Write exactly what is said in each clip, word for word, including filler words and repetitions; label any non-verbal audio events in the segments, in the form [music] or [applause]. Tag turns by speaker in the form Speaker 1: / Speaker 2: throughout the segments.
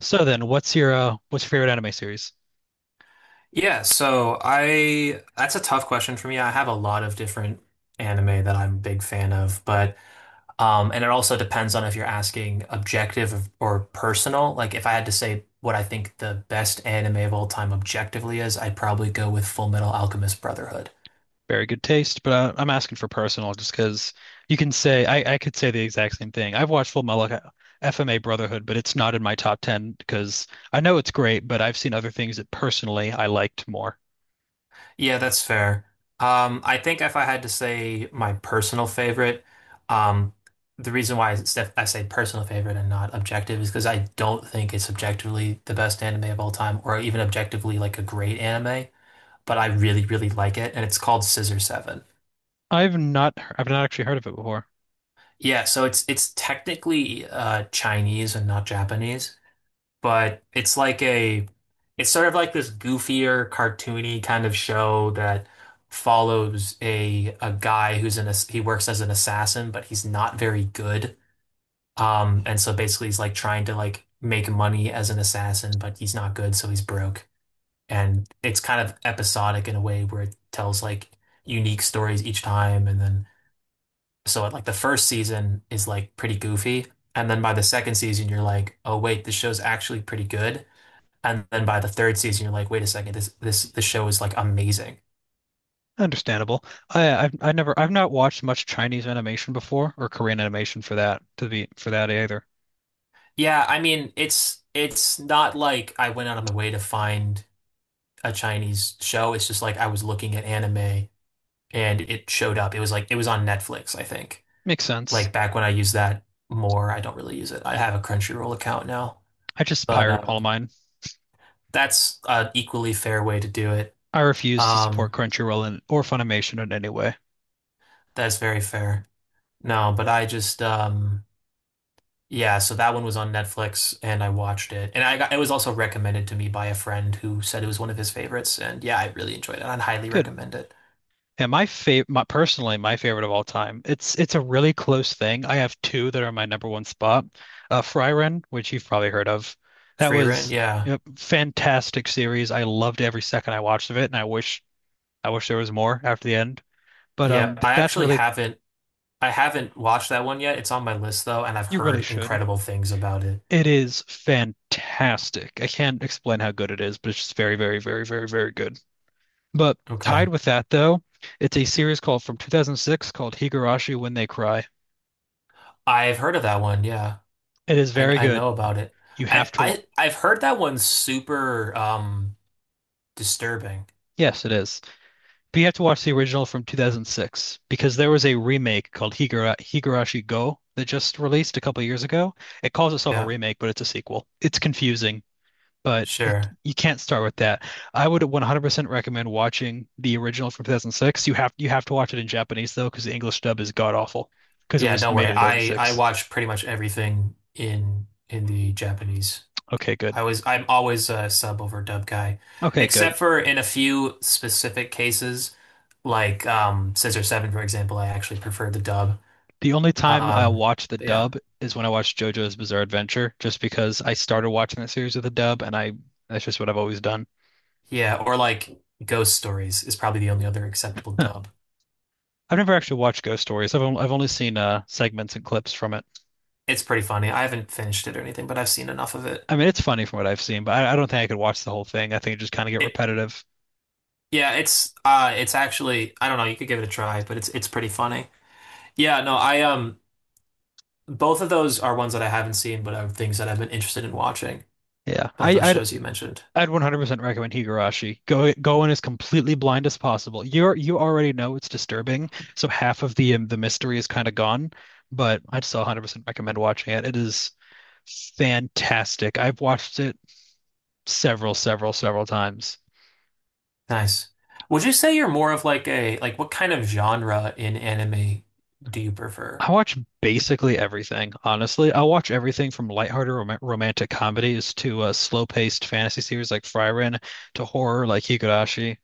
Speaker 1: So then, what's your uh, what's your favorite anime series?
Speaker 2: Yeah, so I that's a tough question for me. I have a lot of different anime that I'm a big fan of, but um and it also depends on if you're asking objective or personal. Like if I had to say what I think the best anime of all time objectively is, I'd probably go with Full Metal Alchemist Brotherhood.
Speaker 1: Very good taste, but uh, I'm asking for personal just because you can say I, I could say the exact same thing. I've watched Full Metal F M A Brotherhood, but it's not in my top ten because I know it's great, but I've seen other things that personally I liked more.
Speaker 2: Yeah, that's fair. Um, I think if I had to say my personal favorite, um, the reason why I s- I say personal favorite and not objective is because I don't think it's objectively the best anime of all time, or even objectively like a great anime. But I really, really like it, and it's called Scissor Seven.
Speaker 1: I've not I've not actually heard of it before.
Speaker 2: Yeah, so it's it's technically uh, Chinese and not Japanese, but it's like a it's sort of like this goofier, cartoony kind of show that follows a a guy who's an ass- he works as an assassin, but he's not very good. Um, and so basically he's like trying to like make money as an assassin, but he's not good, so he's broke. And it's kind of episodic in a way where it tells like unique stories each time. And then so like the first season is like pretty goofy. And then by the second season, you're like, oh wait, this show's actually pretty good. And then by the third season, you're like, wait a second, this this the show is like amazing.
Speaker 1: Understandable. I I've, I never I've not watched much Chinese animation before or Korean animation for that to be for that either.
Speaker 2: Yeah, I mean, it's it's not like I went out of my way to find a Chinese show. It's just like I was looking at anime and it showed up. It was like it was on Netflix, I think.
Speaker 1: Makes sense.
Speaker 2: Like back when I used that more, I don't really use it. I have a Crunchyroll account now,
Speaker 1: I just
Speaker 2: but
Speaker 1: pirate
Speaker 2: um,
Speaker 1: all mine.
Speaker 2: that's an equally fair way to do it.
Speaker 1: I refuse to support
Speaker 2: Um,
Speaker 1: Crunchyroll in, or Funimation in any way.
Speaker 2: that's very fair. No, but I just um yeah, so that one was on Netflix and I watched it. And I got, it was also recommended to me by a friend who said it was one of his favorites. And yeah, I really enjoyed it. I'd highly
Speaker 1: Good.
Speaker 2: recommend it.
Speaker 1: And my favorite, my personally my favorite of all time. It's it's a really close thing. I have two that are my number one spot. Uh, Frieren, which you've probably heard of. That
Speaker 2: Free Rent,
Speaker 1: was
Speaker 2: yeah.
Speaker 1: a fantastic series. I loved every second I watched of it, and I wish I wish there was more after the end. But
Speaker 2: Yeah,
Speaker 1: um, th-
Speaker 2: I
Speaker 1: that's
Speaker 2: actually
Speaker 1: really.
Speaker 2: haven't I haven't watched that one yet. It's on my list though, and I've
Speaker 1: You
Speaker 2: heard
Speaker 1: really should.
Speaker 2: incredible things about it.
Speaker 1: It is fantastic. I can't explain how good it is, but it's just very, very, very, very, very good. But tied
Speaker 2: Okay.
Speaker 1: with that, though, it's a series called from two thousand six called Higurashi When They Cry.
Speaker 2: I've heard of that one, yeah.
Speaker 1: It is
Speaker 2: I
Speaker 1: very
Speaker 2: I
Speaker 1: good.
Speaker 2: know about it.
Speaker 1: You
Speaker 2: I've
Speaker 1: have to watch.
Speaker 2: I I've heard that one's super um disturbing.
Speaker 1: Yes, it is. But you have to watch the original from two thousand six because there was a remake called Higura Higurashi Go that just released a couple years ago. It calls itself a
Speaker 2: Yeah,
Speaker 1: remake, but it's a sequel. It's confusing. But you
Speaker 2: sure.
Speaker 1: you can't start with that. I would one hundred percent recommend watching the original from two thousand six. You have you have to watch it in Japanese though, because the English dub is god awful because it
Speaker 2: Yeah,
Speaker 1: was
Speaker 2: don't
Speaker 1: made
Speaker 2: worry.
Speaker 1: in
Speaker 2: I I
Speaker 1: two thousand six.
Speaker 2: watch pretty much everything in in the Japanese.
Speaker 1: Okay, good.
Speaker 2: I was I'm always a sub over dub guy,
Speaker 1: Okay, good.
Speaker 2: except for in a few specific cases, like um Scissor seven, for example, I actually prefer the dub.
Speaker 1: The only time I
Speaker 2: Um
Speaker 1: watch the
Speaker 2: yeah.
Speaker 1: dub is when I watch JoJo's Bizarre Adventure, just because I started watching that series with the dub, and I that's just what I've always done.
Speaker 2: Yeah, or like Ghost Stories is probably the only other acceptable
Speaker 1: Huh.
Speaker 2: dub.
Speaker 1: I've never actually watched Ghost Stories. I've only, I've only seen uh, segments and clips from it.
Speaker 2: It's pretty funny. I haven't finished it or anything, but I've seen enough of it.
Speaker 1: I mean, it's funny from what I've seen, but I, I don't think I could watch the whole thing. I think it just kind of get
Speaker 2: It
Speaker 1: repetitive.
Speaker 2: yeah, it's uh it's actually I don't know, you could give it a try, but it's it's pretty funny. Yeah, no, I um both of those are ones that I haven't seen, but are things that I've been interested in watching.
Speaker 1: Yeah,
Speaker 2: Both
Speaker 1: I,
Speaker 2: those
Speaker 1: I
Speaker 2: shows you mentioned.
Speaker 1: I'd one hundred percent recommend Higurashi. Go go in as completely blind as possible. You're you already know it's disturbing, so half of the um, the mystery is kind of gone, but I'd still one hundred percent recommend watching it. It is fantastic. I've watched it several, several, several times.
Speaker 2: Nice. Would you say you're more of like a like what kind of genre in anime do you prefer?
Speaker 1: I watch basically everything, honestly. I'll watch everything from lighthearted rom romantic comedies to uh, slow-paced fantasy series like Frieren to horror like Higurashi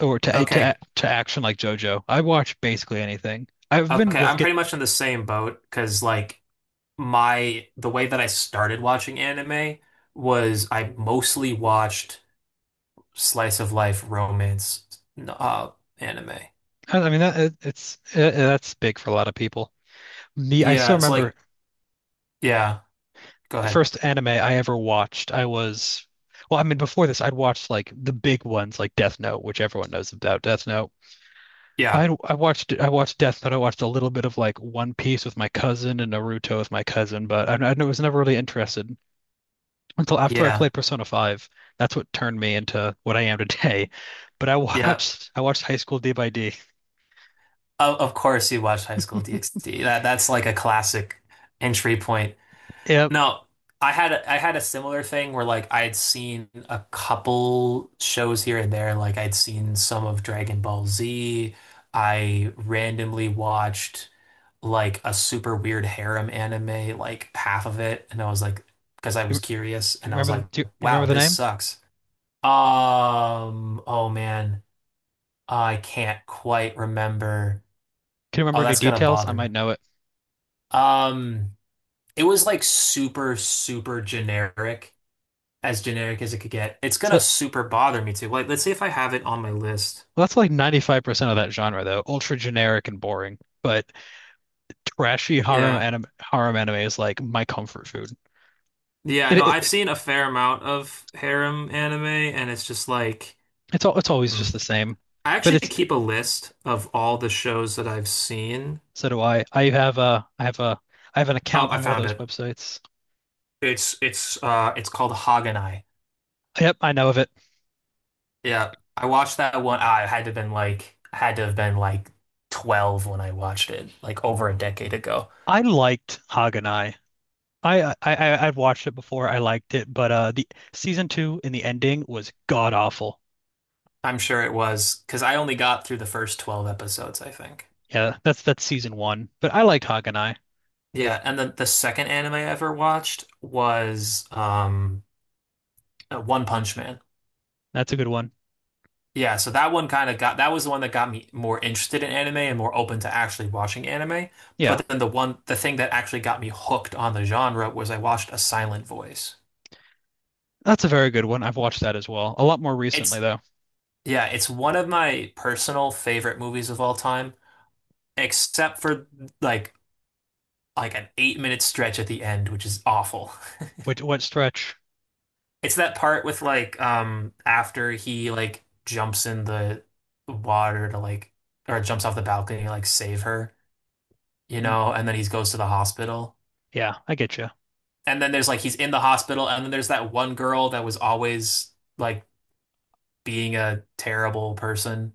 Speaker 1: or to to
Speaker 2: Okay.
Speaker 1: to action like JoJo. I watch basically anything. I've been
Speaker 2: Okay,
Speaker 1: re-
Speaker 2: I'm pretty much in the same boat because like my the way that I started watching anime was I mostly watched slice of life romance uh anime.
Speaker 1: I I mean that it, it's uh that's big for a lot of people. Me, I
Speaker 2: Yeah,
Speaker 1: still
Speaker 2: it's
Speaker 1: remember
Speaker 2: like yeah, go
Speaker 1: the
Speaker 2: ahead.
Speaker 1: first anime I ever watched. I was, well, I mean before this, I'd watched like the big ones like Death Note, which everyone knows about Death Note.
Speaker 2: Yeah.
Speaker 1: I I watched I watched Death Note. I watched a little bit of like One Piece with my cousin and Naruto with my cousin, but I, I was never really interested until after I
Speaker 2: Yeah.
Speaker 1: played Persona five. That's what turned me into what I am today. But I [laughs]
Speaker 2: Yeah.
Speaker 1: watched I watched High School D by D.
Speaker 2: Of, of course you watched High School DxD. That that's like a classic entry point.
Speaker 1: Yep.
Speaker 2: No, I had a, I had a similar thing where like I had seen a couple shows here and there. Like I'd seen some of Dragon Ball Z. I randomly watched like a super weird harem anime, like half of it, and I was like, because I was
Speaker 1: You,
Speaker 2: curious,
Speaker 1: do you
Speaker 2: and I was
Speaker 1: remember the,
Speaker 2: like,
Speaker 1: do you, you
Speaker 2: wow,
Speaker 1: remember the
Speaker 2: this
Speaker 1: name?
Speaker 2: sucks. Um, oh man, I can't quite remember.
Speaker 1: Can you remember
Speaker 2: Oh,
Speaker 1: any
Speaker 2: that's gonna
Speaker 1: details? I
Speaker 2: bother me.
Speaker 1: might know it.
Speaker 2: Um, it was like super, super generic. As generic as it could get. It's
Speaker 1: So
Speaker 2: gonna
Speaker 1: that,
Speaker 2: super bother me too. Like, let's see if I have it on my list.
Speaker 1: well, that's like ninety-five percent of that genre, though. Ultra generic and boring, but trashy harem
Speaker 2: Yeah.
Speaker 1: anime, harem anime is like my comfort food.
Speaker 2: Yeah,
Speaker 1: It,
Speaker 2: no,
Speaker 1: it
Speaker 2: I've
Speaker 1: it
Speaker 2: seen a fair amount of harem anime, and it's just like,
Speaker 1: it's all it's always
Speaker 2: hmm.
Speaker 1: just the same,
Speaker 2: I
Speaker 1: but
Speaker 2: actually
Speaker 1: it's.
Speaker 2: keep a list of all the shows that I've seen.
Speaker 1: So do I. I have a I have a I have an
Speaker 2: Oh,
Speaker 1: account
Speaker 2: I
Speaker 1: on one of
Speaker 2: found
Speaker 1: those
Speaker 2: it.
Speaker 1: websites.
Speaker 2: It's it's uh it's called Haganai.
Speaker 1: Yep, I know of it.
Speaker 2: Yeah. I watched that one. I had to have been like I had to have been like twelve when I watched it, like over a decade ago.
Speaker 1: I liked Haganai. I I I I've watched it before. I liked it, but uh, the season two in the ending was god awful.
Speaker 2: I'm sure it was because I only got through the first twelve episodes, I think.
Speaker 1: Yeah, that's that's season one. But I liked Haganai.
Speaker 2: Yeah, and then the second anime I ever watched was um uh, One Punch Man.
Speaker 1: That's a good one.
Speaker 2: Yeah, so that one kind of got that was the one that got me more interested in anime and more open to actually watching anime.
Speaker 1: Yeah.
Speaker 2: But then the one the thing that actually got me hooked on the genre was I watched A Silent Voice.
Speaker 1: That's a very good one. I've watched that as well. A lot more recently
Speaker 2: It's
Speaker 1: though.
Speaker 2: yeah, it's one of my personal favorite movies of all time, except for like like an eight minute stretch at the end, which is awful.
Speaker 1: Which what stretch?
Speaker 2: It's that part with like um after he like jumps in the water to like or jumps off the balcony to like save her, you
Speaker 1: Hmm.
Speaker 2: know, and then he goes to the hospital.
Speaker 1: Yeah, I get you.
Speaker 2: And then there's like he's in the hospital and then there's that one girl that was always like being a terrible person.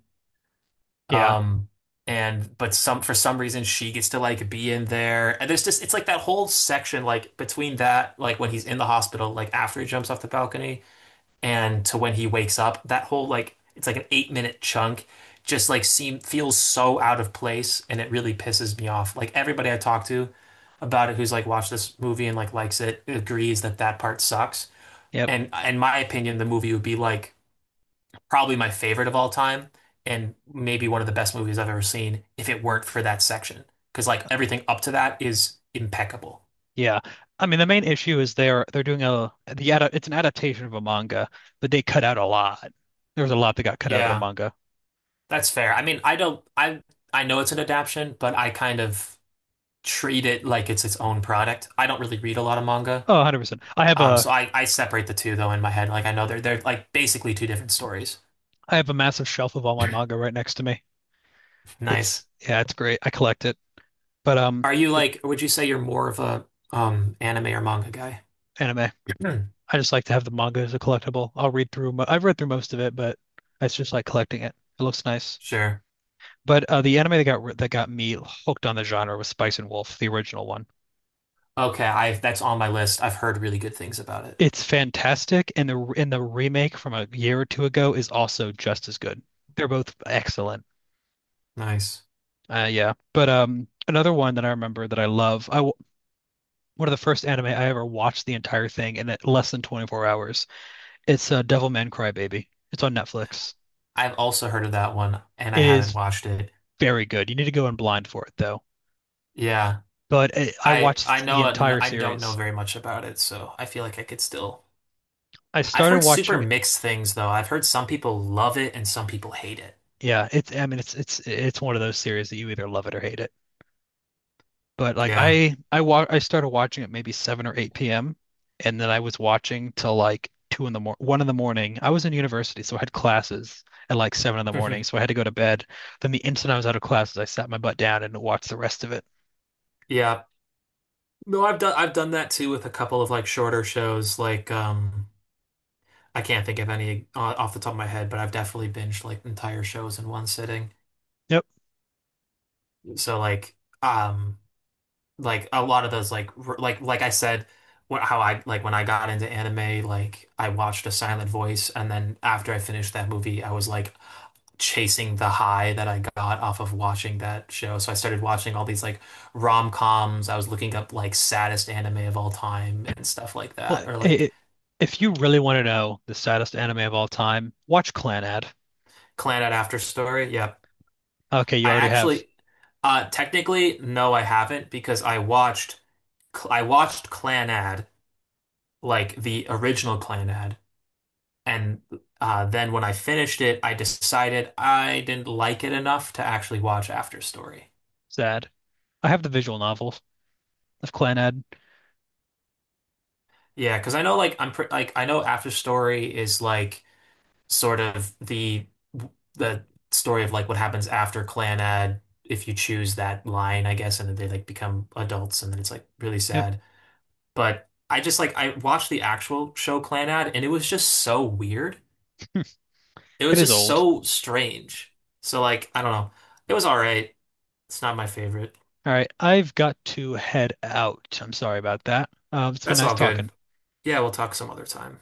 Speaker 1: Yeah.
Speaker 2: Um and but some for some reason she gets to like be in there. And there's just it's like that whole section like between that like when he's in the hospital like after he jumps off the balcony and to when he wakes up, that whole like it's like an eight minute chunk just like seem feels so out of place and it really pisses me off. Like everybody I talk to about it who's like watched this movie and like likes it agrees that that part sucks.
Speaker 1: Yep.
Speaker 2: And in my opinion, the movie would be like probably my favorite of all time and maybe one of the best movies I've ever seen if it weren't for that section. Because like everything up to that is impeccable.
Speaker 1: Yeah. I mean, the main issue is they're they're doing a the ad, it's an adaptation of a manga, but they cut out a lot. There was a lot that got cut out of the
Speaker 2: Yeah,
Speaker 1: manga.
Speaker 2: that's fair. I mean, I don't I I know it's an adaptation, but I kind of treat it like it's its own product. I don't really read a lot of manga.
Speaker 1: Oh, one hundred percent. I have
Speaker 2: Um, so
Speaker 1: a
Speaker 2: I, I separate the two though in my head. Like I know they're they're like basically two different stories.
Speaker 1: I have a massive shelf of all my manga right next to me. It's
Speaker 2: Nice.
Speaker 1: yeah, it's great. I collect it. But um
Speaker 2: Are you
Speaker 1: it,
Speaker 2: like, would you say you're more of a um anime or manga guy?
Speaker 1: anime.
Speaker 2: Hmm. [clears throat]
Speaker 1: I just like to have the manga as a collectible. I'll read through mo- I've read through most of it, but it's just like collecting it. It looks nice.
Speaker 2: Sure.
Speaker 1: But uh, the anime that got that got me hooked on the genre was Spice and Wolf, the original one.
Speaker 2: Okay, I that's on my list. I've heard really good things about it.
Speaker 1: It's fantastic, and the and the remake from a year or two ago is also just as good. They're both excellent.
Speaker 2: Nice.
Speaker 1: Uh, yeah, but um, another one that I remember that I love, I w- one of the first anime I ever watched the entire thing in less than twenty-four hours. It's uh, Devilman Crybaby. It's on Netflix.
Speaker 2: I've also heard of that one and I
Speaker 1: It
Speaker 2: haven't
Speaker 1: is
Speaker 2: watched it.
Speaker 1: very good. You need to go in blind for it though.
Speaker 2: Yeah.
Speaker 1: But it, I
Speaker 2: I I
Speaker 1: watched the
Speaker 2: know it-
Speaker 1: entire
Speaker 2: I don't know
Speaker 1: series.
Speaker 2: very much about it, so I feel like I could still
Speaker 1: I
Speaker 2: I've
Speaker 1: started
Speaker 2: heard super
Speaker 1: watching.
Speaker 2: mixed things though. I've heard some people love it and some people hate it.
Speaker 1: Yeah, it's I mean it's it's it's one of those series that you either love it or hate it. But like
Speaker 2: Yeah.
Speaker 1: I I wa I started watching it maybe seven or eight p m and then I was watching till like two in the mor one in the morning. I was in university, so I had classes at like seven in the morning,
Speaker 2: [laughs]
Speaker 1: so I had to go to bed. Then the instant I was out of classes, I sat my butt down and watched the rest of it.
Speaker 2: Yeah. No, I've done I've done that too with a couple of like shorter shows like um I can't think of any o- off the top of my head, but I've definitely binged like entire shows in one sitting.
Speaker 1: Yep.
Speaker 2: So like um like a lot of those like r- like like I said wh- how I like when I got into anime like I watched A Silent Voice and then after I finished that movie I was like chasing the high that I got off of watching that show. So I started watching all these like rom-coms. I was looking up like saddest anime of all time and stuff like
Speaker 1: Well,
Speaker 2: that, or
Speaker 1: I
Speaker 2: like
Speaker 1: I if you really want to know the saddest anime of all time, watch Clanad.
Speaker 2: Clannad After Story. Yep.
Speaker 1: Okay, you
Speaker 2: I
Speaker 1: already have
Speaker 2: actually, uh, technically, no, I haven't because I watched I watched Clannad, like the original Clannad, and uh, then when I finished it, I decided I didn't like it enough to actually watch After Story.
Speaker 1: sad. I have the visual novel of Clanad.
Speaker 2: Yeah, because I know like I'm pre like I know After Story is like sort of the the story of like what happens after Clannad if you choose that line, I guess, and then they like become adults and then it's like really
Speaker 1: Yep.
Speaker 2: sad. But I just like I watched the actual show Clannad and it was just so weird. It
Speaker 1: It
Speaker 2: was
Speaker 1: is
Speaker 2: just
Speaker 1: old.
Speaker 2: so strange. So like I don't know. It was all right. It's not my favorite.
Speaker 1: All right, I've got to head out. I'm sorry about that. Um, it's been
Speaker 2: That's
Speaker 1: nice
Speaker 2: all
Speaker 1: talking.
Speaker 2: good. Yeah, we'll talk some other time.